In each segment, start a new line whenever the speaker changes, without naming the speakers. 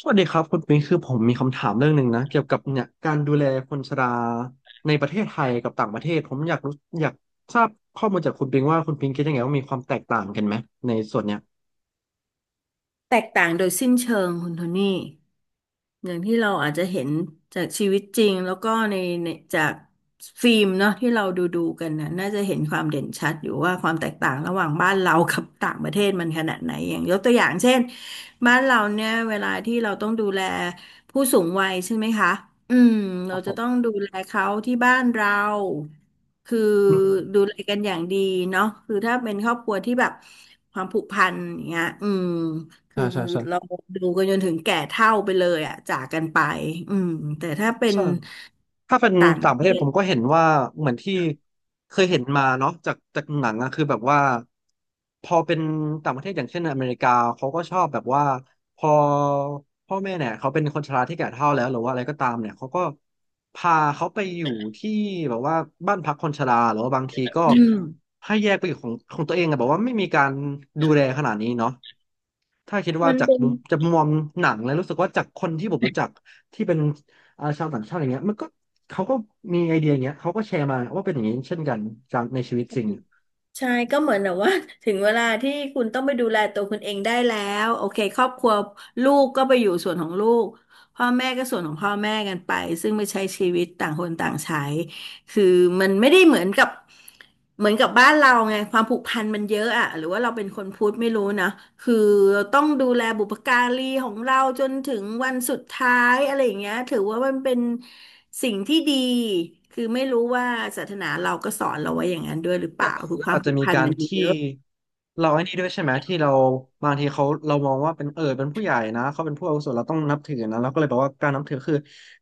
สวัสดีครับคุณปิงคือผมมีคำถามเรื่องหนึ่งนะเกี่ยวกับเนี่ยการดูแลคนชราในประเทศไทยกับต่างประเทศผมอยากรู้อยากทราบข้อมูลจากคุณปิงว่าคุณปิงคิดยังไงว่ามีความแตกต่างกันไหมในส่วนเนี้ย
แตกต่างโดยสิ้นเชิงคุณโทนี่อย่างที่เราอาจจะเห็นจากชีวิตจริงแล้วก็ในจากฟิล์มเนาะที่เราดูกันนะน่าจะเห็นความเด่นชัดอยู่ว่าความแตกต่างระหว่างบ้านเรากับต่างประเทศมันขนาดไหนอย่างยกตัวอย่างเช่นบ้านเราเนี่ยเวลาที่เราต้องดูแลผู้สูงวัยใช่ไหมคะอืม
ค
เรา
รับผ
จะต้อง
ม
ดูแลเขาที่บ้านเราคือ
อืม
ดูแลกันอย่างดีเนาะคือถ้าเป็นครอบครัวที่แบบความผูกพันอย่างเงี้ยอืม คื
ใช่
อ
ใช่ใช่
เราดูกันจนถึงแก่เฒ่าไปเลยอ่ะจากกันไปอืมแต่ถ้าเป็น
ใช่ ถ้าเป็น
ต่างป
ต่างป
ระ
ระ
เท
เทศผ
ศ
มก็เห็นว่าเหมือนที่เคยเห็นมาเนาะจากหนังอะคือแบบว่าพอเป็นต่างประเทศอย่างเช่นอเมริกาเขาก็ชอบแบบว่าพอพ่อแม่เนี่ยเขาเป็นคนชราที่แก่เฒ่าแล้วหรือว่าอะไรก็ตามเนี่ยเขาก็พาเขาไปอยู่ที่แบบว่าบ้านพักคนชราหรือว่าบางทีก็
อืม
ให้แยกไปอยู่ของตัวเองอะแบบว่าไม่มีการดูแลขนาดนี้เนาะ ถ้าคิดว่า
มัน
จาก
เป็น
มุมจากมุมมองหนังแล้วรู้สึกว่าจากคนที่ผมรู้จักที่เป็นชาวต่างชาติอย่างเงี้ยมันก็เขาก็มีไอเดียอย่างเงี้ยเขาก็แชร์มาว่าเป็นอย่างนี้เช่นกันจากในชีวิตจริง
ใช่ก็เหมือนแบบว่า ถึงเวลาที่คุณต้องไปดูแลตัวคุณเองได้แล้วโอเคครอบครัวลูกก็ไปอยู่ส่วนของลูกพ่อแม่ก็ส่วนของพ่อแม่กันไปซึ่งไม่ใช้ชีวิตต่างคนต่างใช้คือมันไม่ได้เหมือนกับบ้านเราไงความผูกพันมันเยอะอะหรือว่าเราเป็นคนพุทธไม่รู้นะคือเราต้องดูแลบุพการีของเราจนถึงวันสุดท้ายอะไรอย่างเงี้ยถือว่ามันเป็น สิ่งที่ดีคือไม่รู้ว่าศาสนาเราก็สอนเราไว้อย่างนั้นด้วยหรือเปล่าคือ
แล้ว
ควา
อา
ม
จจะ
ผูก
มี
พัน
การ
มันมี
ที่
เยอะ
เราไอ้นี่ด้วยใช่ไหมที่เราบางทีเขาเรามองว่าเป็นเป็นผู้ใหญ่นะเขาเป็นผู้อาวุโสเราต้องนับถือนะเราก็เลยบอกว่าการนับถือคือ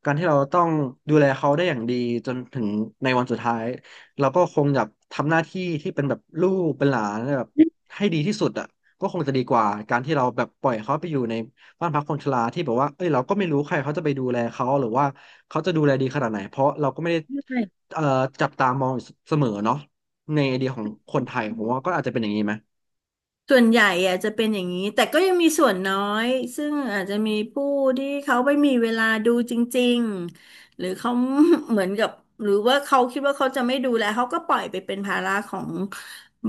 การที่เราต้องดูแลเขาได้อย่างดีจนถึงในวันสุดท้ายเราก็คงอยากทำหน้าที่ที่เป็นแบบลูกเป็นหลานแบบให้ดีที่สุดอ่ะก็คงจะดีกว่าการที่เราแบบปล่อยเขาไปอยู่ในบ้านพักคนชราที่แบบว่าเอ้ยเราก็ไม่รู้ใครเขาจะไปดูแลเขาหรือว่าเขาจะดูแลดีขนาดไหนเพราะเราก็ไม่ได้เอ่อจับตามองอยู่เสมอเนาะ ในไอเดียของคนไทยผมว่าก็อาจจะเป็นอย่างนี้ไหม
ส่วนใหญ่อะจะเป็นอย่างนี้แต่ก็ยังมีส่วนน้อยซึ่งอาจจะมีผู้ที่เขาไม่มีเวลาดูจริงๆหรือเขา เหมือนกับหรือว่าเขาคิดว่าเขาจะไม่ดูแลเขาก็ปล่อยไปเป็นภาระของ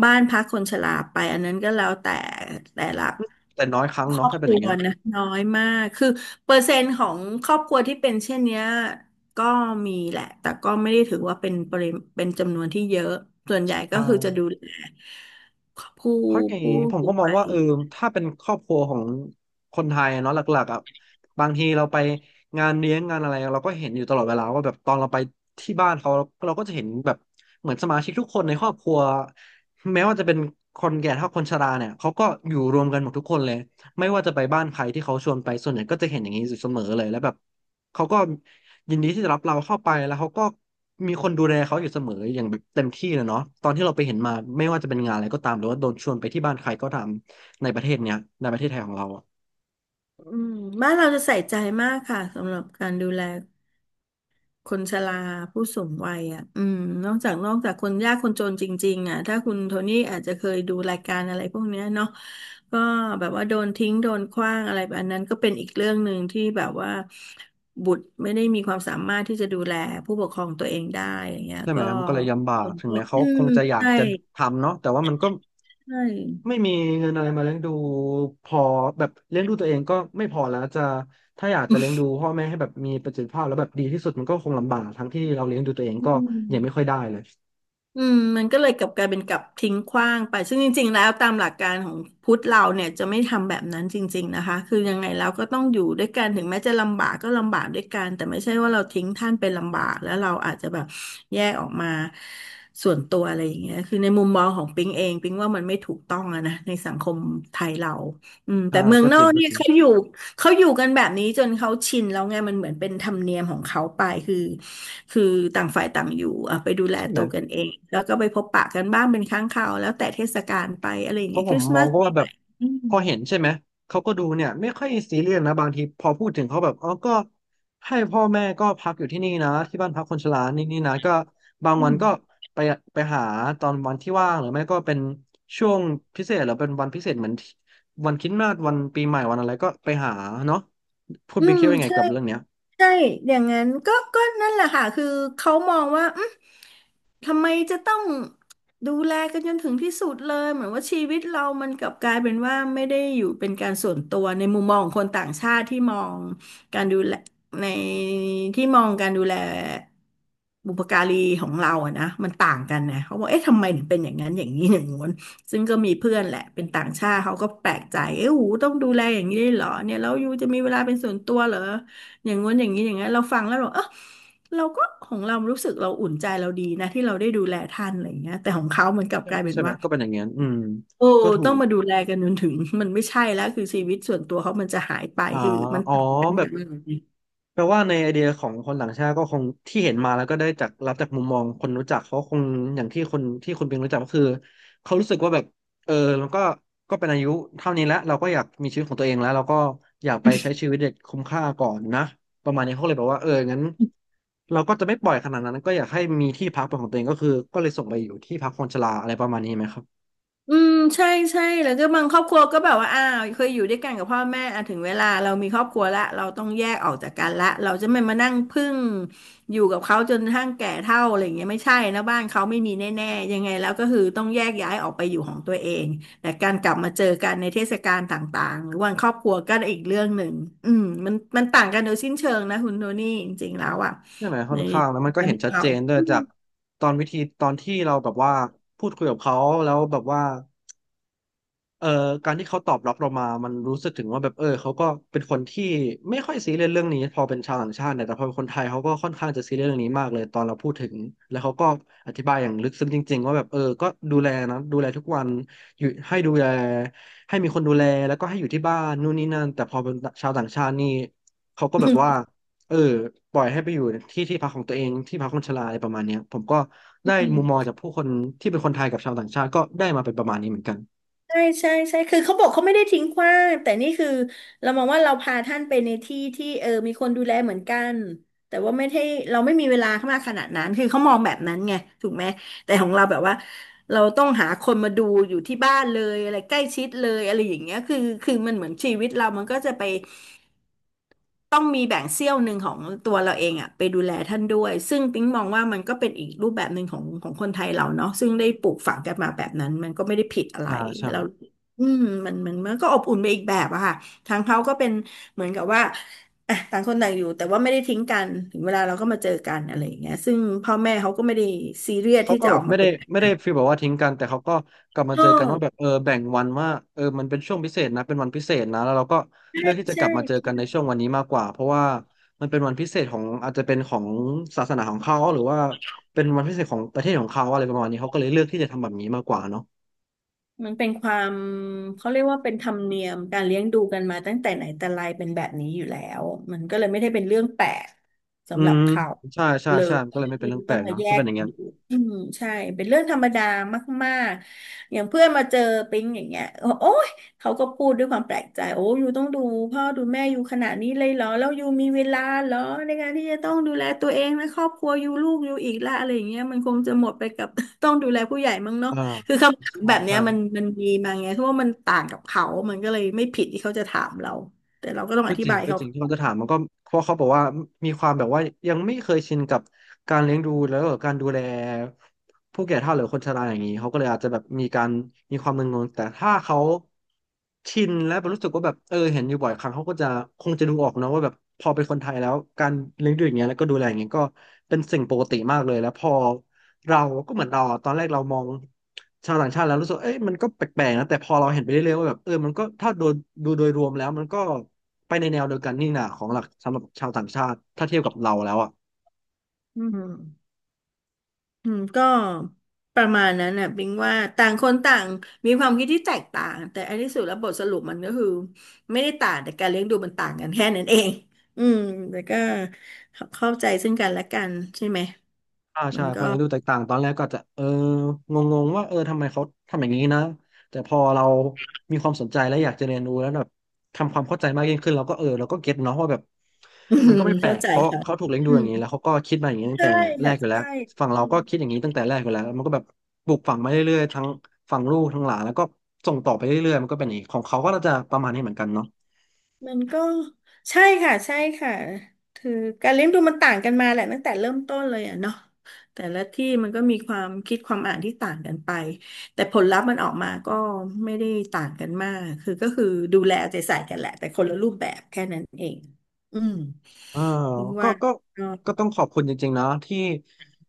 บ้านพักคนชราไปอันนั้นก็แล้วแต่แต่ละ
แต่น้อยครั้ง
คร
เนาะ
อบ
ถ้าเป็
ค
นอ
รั
ย่าง
ว
เงี้ย
นะน้อยมากคือเปอร์เซ็นต์ของครอบครัวที่เป็นเช่นเนี้ย ก็มีแหละแต่ก็ไม่ได้ถือว่าเป็นปริมาณเป็นจำนวนที่เยอะ ส่วนใหญ่
อ
ก็คือจะดู
่า
แลผู้
เพราะไง
ผู้
ผม
สู
ก็
ง
มอง
วั
ว่า
ย
ถ้าเป็นครอบครัวของคนไทยเนาะหลักๆอ่ะบางทีเราไปงานเลี้ยงงานอะไรเราก็เห็นอยู่ตลอดเวลาว่าแบบตอนเราไปที่บ้านเขาเราก็จะเห็นแบบเหมือนสมาชิกทุกคนในครอบครัวแม้ว่าจะเป็นคนแก่เท่าคนชราเนี่ยเขาก็อยู่รวมกันหมดทุกคนเลยไม่ว่าจะไปบ้านใครที่เขาชวนไปส่วนใหญ่ก็จะเห็นอย่างนี้อยู่เสมอเลยแล้วแบบ เขาก็ยินดีที่จะรับเราเข้าไปแล้วเขาก็มีคนดูแลเขาอยู่เสมออย่างแบบเต็มที่เลยเนาะตอนที่เราไปเห็นมาไม่ว่าจะเป็นงานอะไรก็ตามหรือว่าโดนชวนไปที่บ้านใครก็ตามในประเทศเนี้ยในประเทศไทยของเราอะ
อืมบ้านเราจะใส่ใจมากค่ะสำหรับการดูแลคนชราผู้สูงวัยอ่ะอืมนอกจากคนยากคนจนจริงๆอ่ะถ้าคุณโทนี่อาจจะเคยดูรายการอะไรพวกเนี้ยเนาะก็แบบว่าโดนทิ้งโดนขว้างอะไรแบบอันนั้นก็เป็นอีกเรื่องหนึ่งที่แบบว่าบุตรไม่ได้มีความสามารถที่จะดูแลผู้ปกครองตัวเองได้อย่างเงี้ย
ใช่ไหม
ก็
มันก็เลยลำบากถึงแม้เขา
อื
ค
ม
งจะอยาก
ใช่
จะทำเนาะแต่ว่ามันก็
ใช่
ไม่มีเงินอะไรมาเลี้ยงดูพอแบบเลี้ยงดูตัวเองก็ไม่พอแล้วจะถ้าอยากจะเลี้ยงดูพ่อแม่ให้แบบมีประสิทธิภาพแล้วแบบดีที่สุดมันก็คงลำบากทั้งที่เราเลี้ยงดูตัวเอง
อื
ก็ยังไม่ค่อ
ม
ยได้เลย
อืมมันก็เลยกลับกลายเป็นกลับทิ้งขว้างไปซึ่งจริงๆแล้วตามหลักการของพุทธเราเนี่ยจะไม่ทำแบบนั้นจริงๆนะคะคือยังไงแล้วก็ต้องอยู่ด้วยกันถึงแม้จะลำบากก็ลำบากด้วยกันแต่ไม่ใช่ว่าเราทิ้งท่านไปลำบากแล้วเราอาจจะแบบแยกออกมาส่วนตัวอะไรอย่างเงี้ยคือในมุมมองของปิงเองปิงว่ามันไม่ถูกต้องอะนะในสังคมไทยเราอืมแต่
ใชา
เมือง
ก็
น
จ
อ
ริ
ก
งก็
เนี่ย
จริง
เขาอยู่ เขาอยู่กันแบบนี้จนเขาชินแล้วไงมันเหมือนเป็นธรรมเนียมของเขาไปคือคือต่างฝ่ายต่างอยู่อ่ะไปดูแล
ใช่ไหม
ตัวกันเองแล้วก็ไปพบปะกันบ้างเป็นครั้งคราวแล้วแต่เทศกาลไปอะไรอย่า
เพ
งเงี้
ราะ
ย
ผ
ค
ม
ริสต์
ม
มา
อง
ส
ก็
ปี
ว่าแบ
ให
บ
ม่ อืม
พอเห็นใช่ไหมเขาก็ดูเนี่ยไม่ค่อยซีเรียสนะบางทีพอพูดถึงเขาแบบอ๋อก็ให้พ่อแม่ก็พักอยู่ที่นี่นะที่บ้านพักคนชรานี่นะก็บาง
อื
วัน
ม
ก็ไปไปหาตอนวันที่ว่างหรือไม่ก็เป็นช่วงพิเศษหรือเป็นวันพิเศษเหมือนที่วันคริสต์มาสวันปีใหม่วันอะไรก็ไปหาเนาะคุณ
อื
บิ๊กคิ
ม
ดว่ายังไง
ใช่
กับเรื่องเนี้ย
ใช่อย่างนั้นก็ก็นั่นแหละค่ะคือเขามองว่าอืมทำไมจะต้องดูแลกันจนถึงที่สุดเลยเหมือนว่าชีวิตเรามันกลับกลายเป็นว่าไม่ได้อยู่เป็นการส่วนตัวในมุมมองของคนต่างชาติที่มองการดูแลในที่มองการดูแลบุปการีของเราอะนะมันต่างกันนะเขาบอกเอ๊ะทำไมถึงเป็นอย่างนั้นอย่างนี้อย่างงู้นซึ่งก็มีเพื่อนแหละเป็นต่างชาติเขาก็แปลกใจเอ้หูต้องดูแลอย่างนี้ได้วยเหรอเนี่ยแล้วยูจะมีเวลาเป็นส่วนตัวเหรอ อย่างง้นอย่างนี้อย่างนั้นเราฟังแล้วเราเออเราก็ของเรารู้สึกเราอุ่นใจเราดีนะที่เราได้ดูแลท่านอะไรอย่างเงี้ยแต่ของเขามันกลับ
ใช่
ก
ไหม
ลายเป็น
ใช่ไหม
ว่า
ก็เป็นอย่างเงี้ยอืม
โอ้
ก็ถู
ต้อง
ก
มาดูแลกันจนถึงมันไม่ใช่แล้วคือชีวิตส่วนตัวเขามันจะหายไป
อ่า
คือมัน
อ๋อแบบ แปลว่าในไอเดียของคนต่างชาติก็คงที่เห็นมาแล้วก็ได้จากรับจากมุมมองคนรู้จักเขาคงอย่างที่คนที่คุณเป็นรู้จักก็คือเขารู้สึกว่าแบบเออมันก็ก็เป็นอายุเท่านี้แล้วเราก็อยากมีชีวิตของตัวเองแล้วเราก็อยากไปใช้ชีวิตอย่างคุ้มค่าก่อนนะประมาณนี้เขาเลยบอกว่างั้นเราก็จะไม่ปล่อยขนาดนั้นก็อยากให้มีที่พักเป็นของตัวเองก็คือก็เลยส่งไปอยู่ที่พักคนชราอะไรประมาณนี้ไหมครับ
อืมใช่ใช่แล้วก็บางครอบครัวก็แบบว่าอ้าวเคยอยู่ด้วยกันกับพ่อแม่อ่ะถึงเวลาเรามีครอบครัวละเราต้องแยกออกจากกันละเราจะไม่มานั่งพึ่งอยู่กับเขาจนกระทั่งแก่เฒ่าอะไรอย่างเงี้ยไม่ใช่นะบ้านเขาไม่มีแน่ๆยังไงแล้วก็คือต้องแยกย้ายออกไปอยู่ของตัวเองแต่การกลับมาเจอกันในเทศกาลต่างๆหรือวันครอบครัวก็อีกเรื่องหนึ่งอืมมันต่างกันโดยสิ้นเชิงนะคุณโทนี่จริงๆแล้วอ่ะ
ใช่ไหมค่อ
ใน
นข้างแล้วมันก็
ใน
เห็น
มุม
ชัด
เขา
เจนด้วยจากตอนวิธีตอนที่เราแบบว่าพูดคุยกับเขาแล้วแบบว่า เอ่อการที่เขาตอบรับเรามามันรู้สึกถึงว่าแบบเออเขาก็เป็นคนที่ไม่ค่อยซีเรียสเรื่องนี้พอเป็นชาวต่างชาติเนี่ยแต่พอเป็นคนไทยเขาก็ค่อนข้างจะซีเรียสเรื่องนี้มากเลยตอนเราพูดถึงแล้วเขาก็อธิบายอย่างลึกซึ้งจริงๆว่าแบบเออก็ดูแลนะดูแลทุกวันอยู่ให้ดูแลให้มีคนดูแลแล้วก็ให้อยู่ที่บ้านนู่นนี่นั่นแต่พอเป็นชาวต่างชาตินี่เขาก็แบบว่าเออปล่อยให้ไปอยู่ที่ที่พักของตัวเองที่พักคนชราอะไรประมาณเนี้ยผมก็ได้
อื
มุมมอง
ม
จากผู้คนที่เป็นคนไทยกับชาวต่างชาติก็ได้มาเป็นประมาณนี้เหมือนกัน
ใช่ใช่ใช่คือเขาบอกเขาไม่ได้ทิ้งขว้างแต่นี่คือเรามองว่าเราพาท่านไปในที่ที่มีคนดูแลเหมือนกันแต่ว่าไม่ใช่เราไม่มีเวลามากขนาดนั้นคือเขามองแบบนั้นไงถูกไหมแต่ของเราแบบว่าเราต้องหาคนมาดูอยู่ที่บ้านเลยอะไรใกล้ชิดเลยอะไรอย่างเงี้ยคือมันเหมือนชีวิตเรามันก็จะไป ต้องมีแบ่งเสี้ยวหนึ่งของตัวเราเองอะไปดูแลท่านด้วยซึ่งปิ๊งมองว่ามันก็เป็นอีกรูปแบบหนึ่งของคนไทยเราเนาะซึ่งได้ปลูกฝังกันมาแบบนั้นมันก็ไม่ได้ผิดอะไร
ใช่ใช่
เราอืมมันก็อบอุ่นไปอีกแบบอะค่ะทางเขาก็เป็นเหมือนกับว่าอ่ะต่างคนต่างอยู่แต่ว่าไม่ได้ทิ้งกันถึงเวลาเราก็มาเจอกันอะไรอย่างเงี้ยซึ่งพ่อแม่เขาก็ไม่ได้ซีเรียส
เขา
ที่
ก็
จะ
แบ
อ
บ
อก
ไม่
มา
ได้
เป็น
ฟีลแบบว่าทิ้งกันแต่เขาก็กลับมา
เออ
เจอกันว่าแบบเออแบ่งวันว่าเออมันเป็นช่วงพิเศษนะเป็นวันพิเศษนะแล้วเราก็เลื
ใช่
อกที่จะ
ใช
กลับมาเจอกัน
่
ในช่วงวันนี้มากกว่าเพราะว่ามันเป็นวันพิเศษของอาจจะเป็นของศาสนาของเขาหรือว่าเป็นวันพิเศษของประเทศของเขาอะไรประมาณนี้เขาก็เลยเลือกที่จะทำแบบนี้มากกว่าเนาะ
มันเป็นความเขาเรียกว่าเป็นธรรมเนียมการเลี้ยงดูกันมาตั้งแต่ไหนแต่ไรเป็นแบบนี้อยู่แล้วมันก็เลยไม่ได้เป็นเรื่องแปลก
อื
สำหรับ
ม
เขา
ใช่ใช่
เล
ใช่มันก็
ย
เลยไม่เป็
ที่
นเรื่องแป
ต้
ล
อง
ก
มา
เนาะ
แย
ถ้าเป็
ก
นอย่า
กั
ง
น
เงี้ย
อยู่อืมใช่เป็นเรื่องธรรมดามากๆอย่างเพื่อนมาเจอปิ๊งอย่างเงี้ยโอ้ยเขาก็พูดด้วยความแปลกใจโอ้ยูต้องดูพ่อดูแม่อยูขนาดนี้เลยเหรอแล้วยูมีเวลาเหรอในการที่จะต้องดูแลตัวเองและครอบครัวยูลูกยูอีกละอะไรอย่างเงี้ยมันคงจะหมดไปกับ ต้องดูแลผู้ใหญ่มั้งเนาะ
อ่า
คือคำถาม
ใช่
แบบเนี้
ใช่
ยมันมีมาไงเพราะว่ามันต่างกับเขามันก็เลยไม่ผิดที่เขาจะถามเราแต่เราก็ต้องอ
ก็
ธิ
จริง
บาย
ก็
เขา
จริงที่เขาจะถามมันก็เพราะเขาบอกว่ามีความแบบว่ายังไม่เคยชินกับการเลี้ยงดูแล้วก็การดูแลผู้แก่เฒ่าหรือคนชราอย่างนี้เขาก็เลยอาจจะแบบมีการมีความมึนงงแต่ถ้าเขาชินและรู้สึกว่าแบบเออเห็นอยู่บ่อยครั้งเขาก็จะคงจะดูออกนะว่าแบบพอเป็นคนไทยแล้วการเลี้ยงดูอย่างเงี้ยแล้วก็ดูแลอย่างเงี้ยก็เป็นสิ่งปกติมากเลยแล้วพอเราก็เหมือนเราอะตอนแรกเรามองชาวต่างชาติแล้วรู้สึกเอ้ยมันก็แปลกๆนะแต่พอเราเห็นไปเรื่อยๆว่าแบบเออมันก็ถ้าโดยดูโดยรวมแล้วมันก็ ไปในแนวเดียวกันนี่นะของหลักสำหรับชาวต่างชาติถ้าเทียบกับเราแล้วอ่ะ
อืมอืมก็ประมาณนั้นน่ะบิงว่าต่างคนต่างมีความคิดที่แตกต่าง แต่อันที่สุดแล้วบทสรุปมันก็คือไม่ได้ต่างแต่การเลี้ยงดูมันต่างกันแค่นั้นเอง อืม แต่ก็เข้าใจซึ่งกันและกันใช่ไหม
อ่า
มั
ใช่
น
พ
ก็
อเรียนดูแตกต่างตอนแรกก็อาจจะเอองงๆว่าเออทำไมเขาทำอย่างนี้นะแต่พอเรามีความสนใจและอยากจะเรียนรู้แล้วแบบทำความเข้าใจมากยิ่งขึ้นเราก็เออเราก็เก็ตเนาะว่าแบบ
อื
มั
ม
นก็ไม่แปล
เข้า
ก
ใจ
เพราะ
ค่ะ
เขาถูกเลี้ยงดู
อื
อ
ม
ย่างนี้แล้วเขาก็คิดมาอย่างนี้ตั้ง
ใช่
แต่แร
ค่ะ
กอยู่แล้ว
ใช่
ฝั่งเราก็คิดอย่างนี้ตั้งแต่แรกอยู่แล้วมันก็แบบปลูกฝังมาเรื่อยๆทั้งฝั่งลูกทั้งหลานแล้วก็ส่งต่อไปเรื่อยๆมันก็เป็นอย่างนี้ของเขาก็น่าจะประมาณนี้เหมือนกันเนาะ
มันก็ใช่ค่ะใช่ค่ะคือการเลี้ยงดูมันต่างกันมาแหละตั้งแต่เริ่มต้นเลยอ่ะเนาะแต่ละที่มันก็มีความคิดความอ่านที่ต่างกันไปแต่ผลลัพธ์มันออกมาก็ไม่ได้ต่างกันมากคือก็คือดูแลเอาใจใส่กันแหละแต่คนละรูปแบบแค่นั้นเองอืม
เออ
ถึง
ก็
ว่า
ก็
ก็
ก็ต้องขอบคุณจริงๆนะที่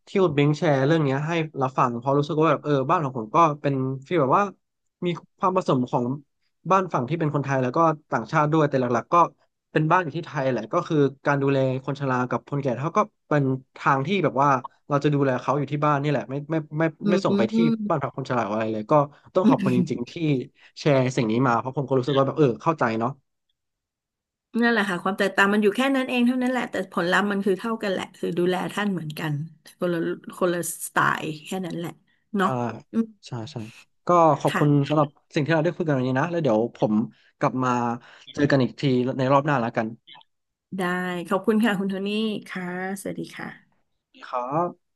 คุณเบิงแชร์เรื่องเนี้ยให้เราฟังเพราะรู้สึกว่าแบบเออบ้านของผมก็เป็นฟีลแบบว่ามีความผสมของบ้านฝั่งที่เป็นคนไทยแล้วก็ต่างชาติด้วยแต่หลักๆก็เป็นบ้านอยู่ที่ไทยแหละก็คือการดูแลคนชรากับคนแก่เท่าก็เป็นทางที่แบบว่าเราจะดูแลเขาอยู่ที่บ้านนี่แหละ
อื
ไม่ส่งไปที่
ม
บ้านพักคนชราอะไรเลยก็ต้องขอบคุณจริงๆที่แชร์สิ่งนี้มาเพราะผมก็รู้สึกว่าแบบเออเข้าใจเนาะ
นั่นแหละค่ะความแตกต่างมันอยู่แค่นั้นเองเท่านั้นแหละแต่ผลลัพธ์มันคือเท่ากันแหละคือดูแลท่านเหมือนกันคนละคนละสไตล์แค่นั้นแหละเนาะ
ใช่
อืม
ใช่ใช่ก็ขอบคุณ
ค่ะ
สำหรับสิ่งที่เราได้คุยกันวันนี้นะแล้วเดี๋ยวผมกลับมาเจอกันอีกทีในรอบหน้าแล้วกัน
ได้ขอบคุณค่ะคุณโทนี่ค่ะสวัสดีค่ะ
ครับ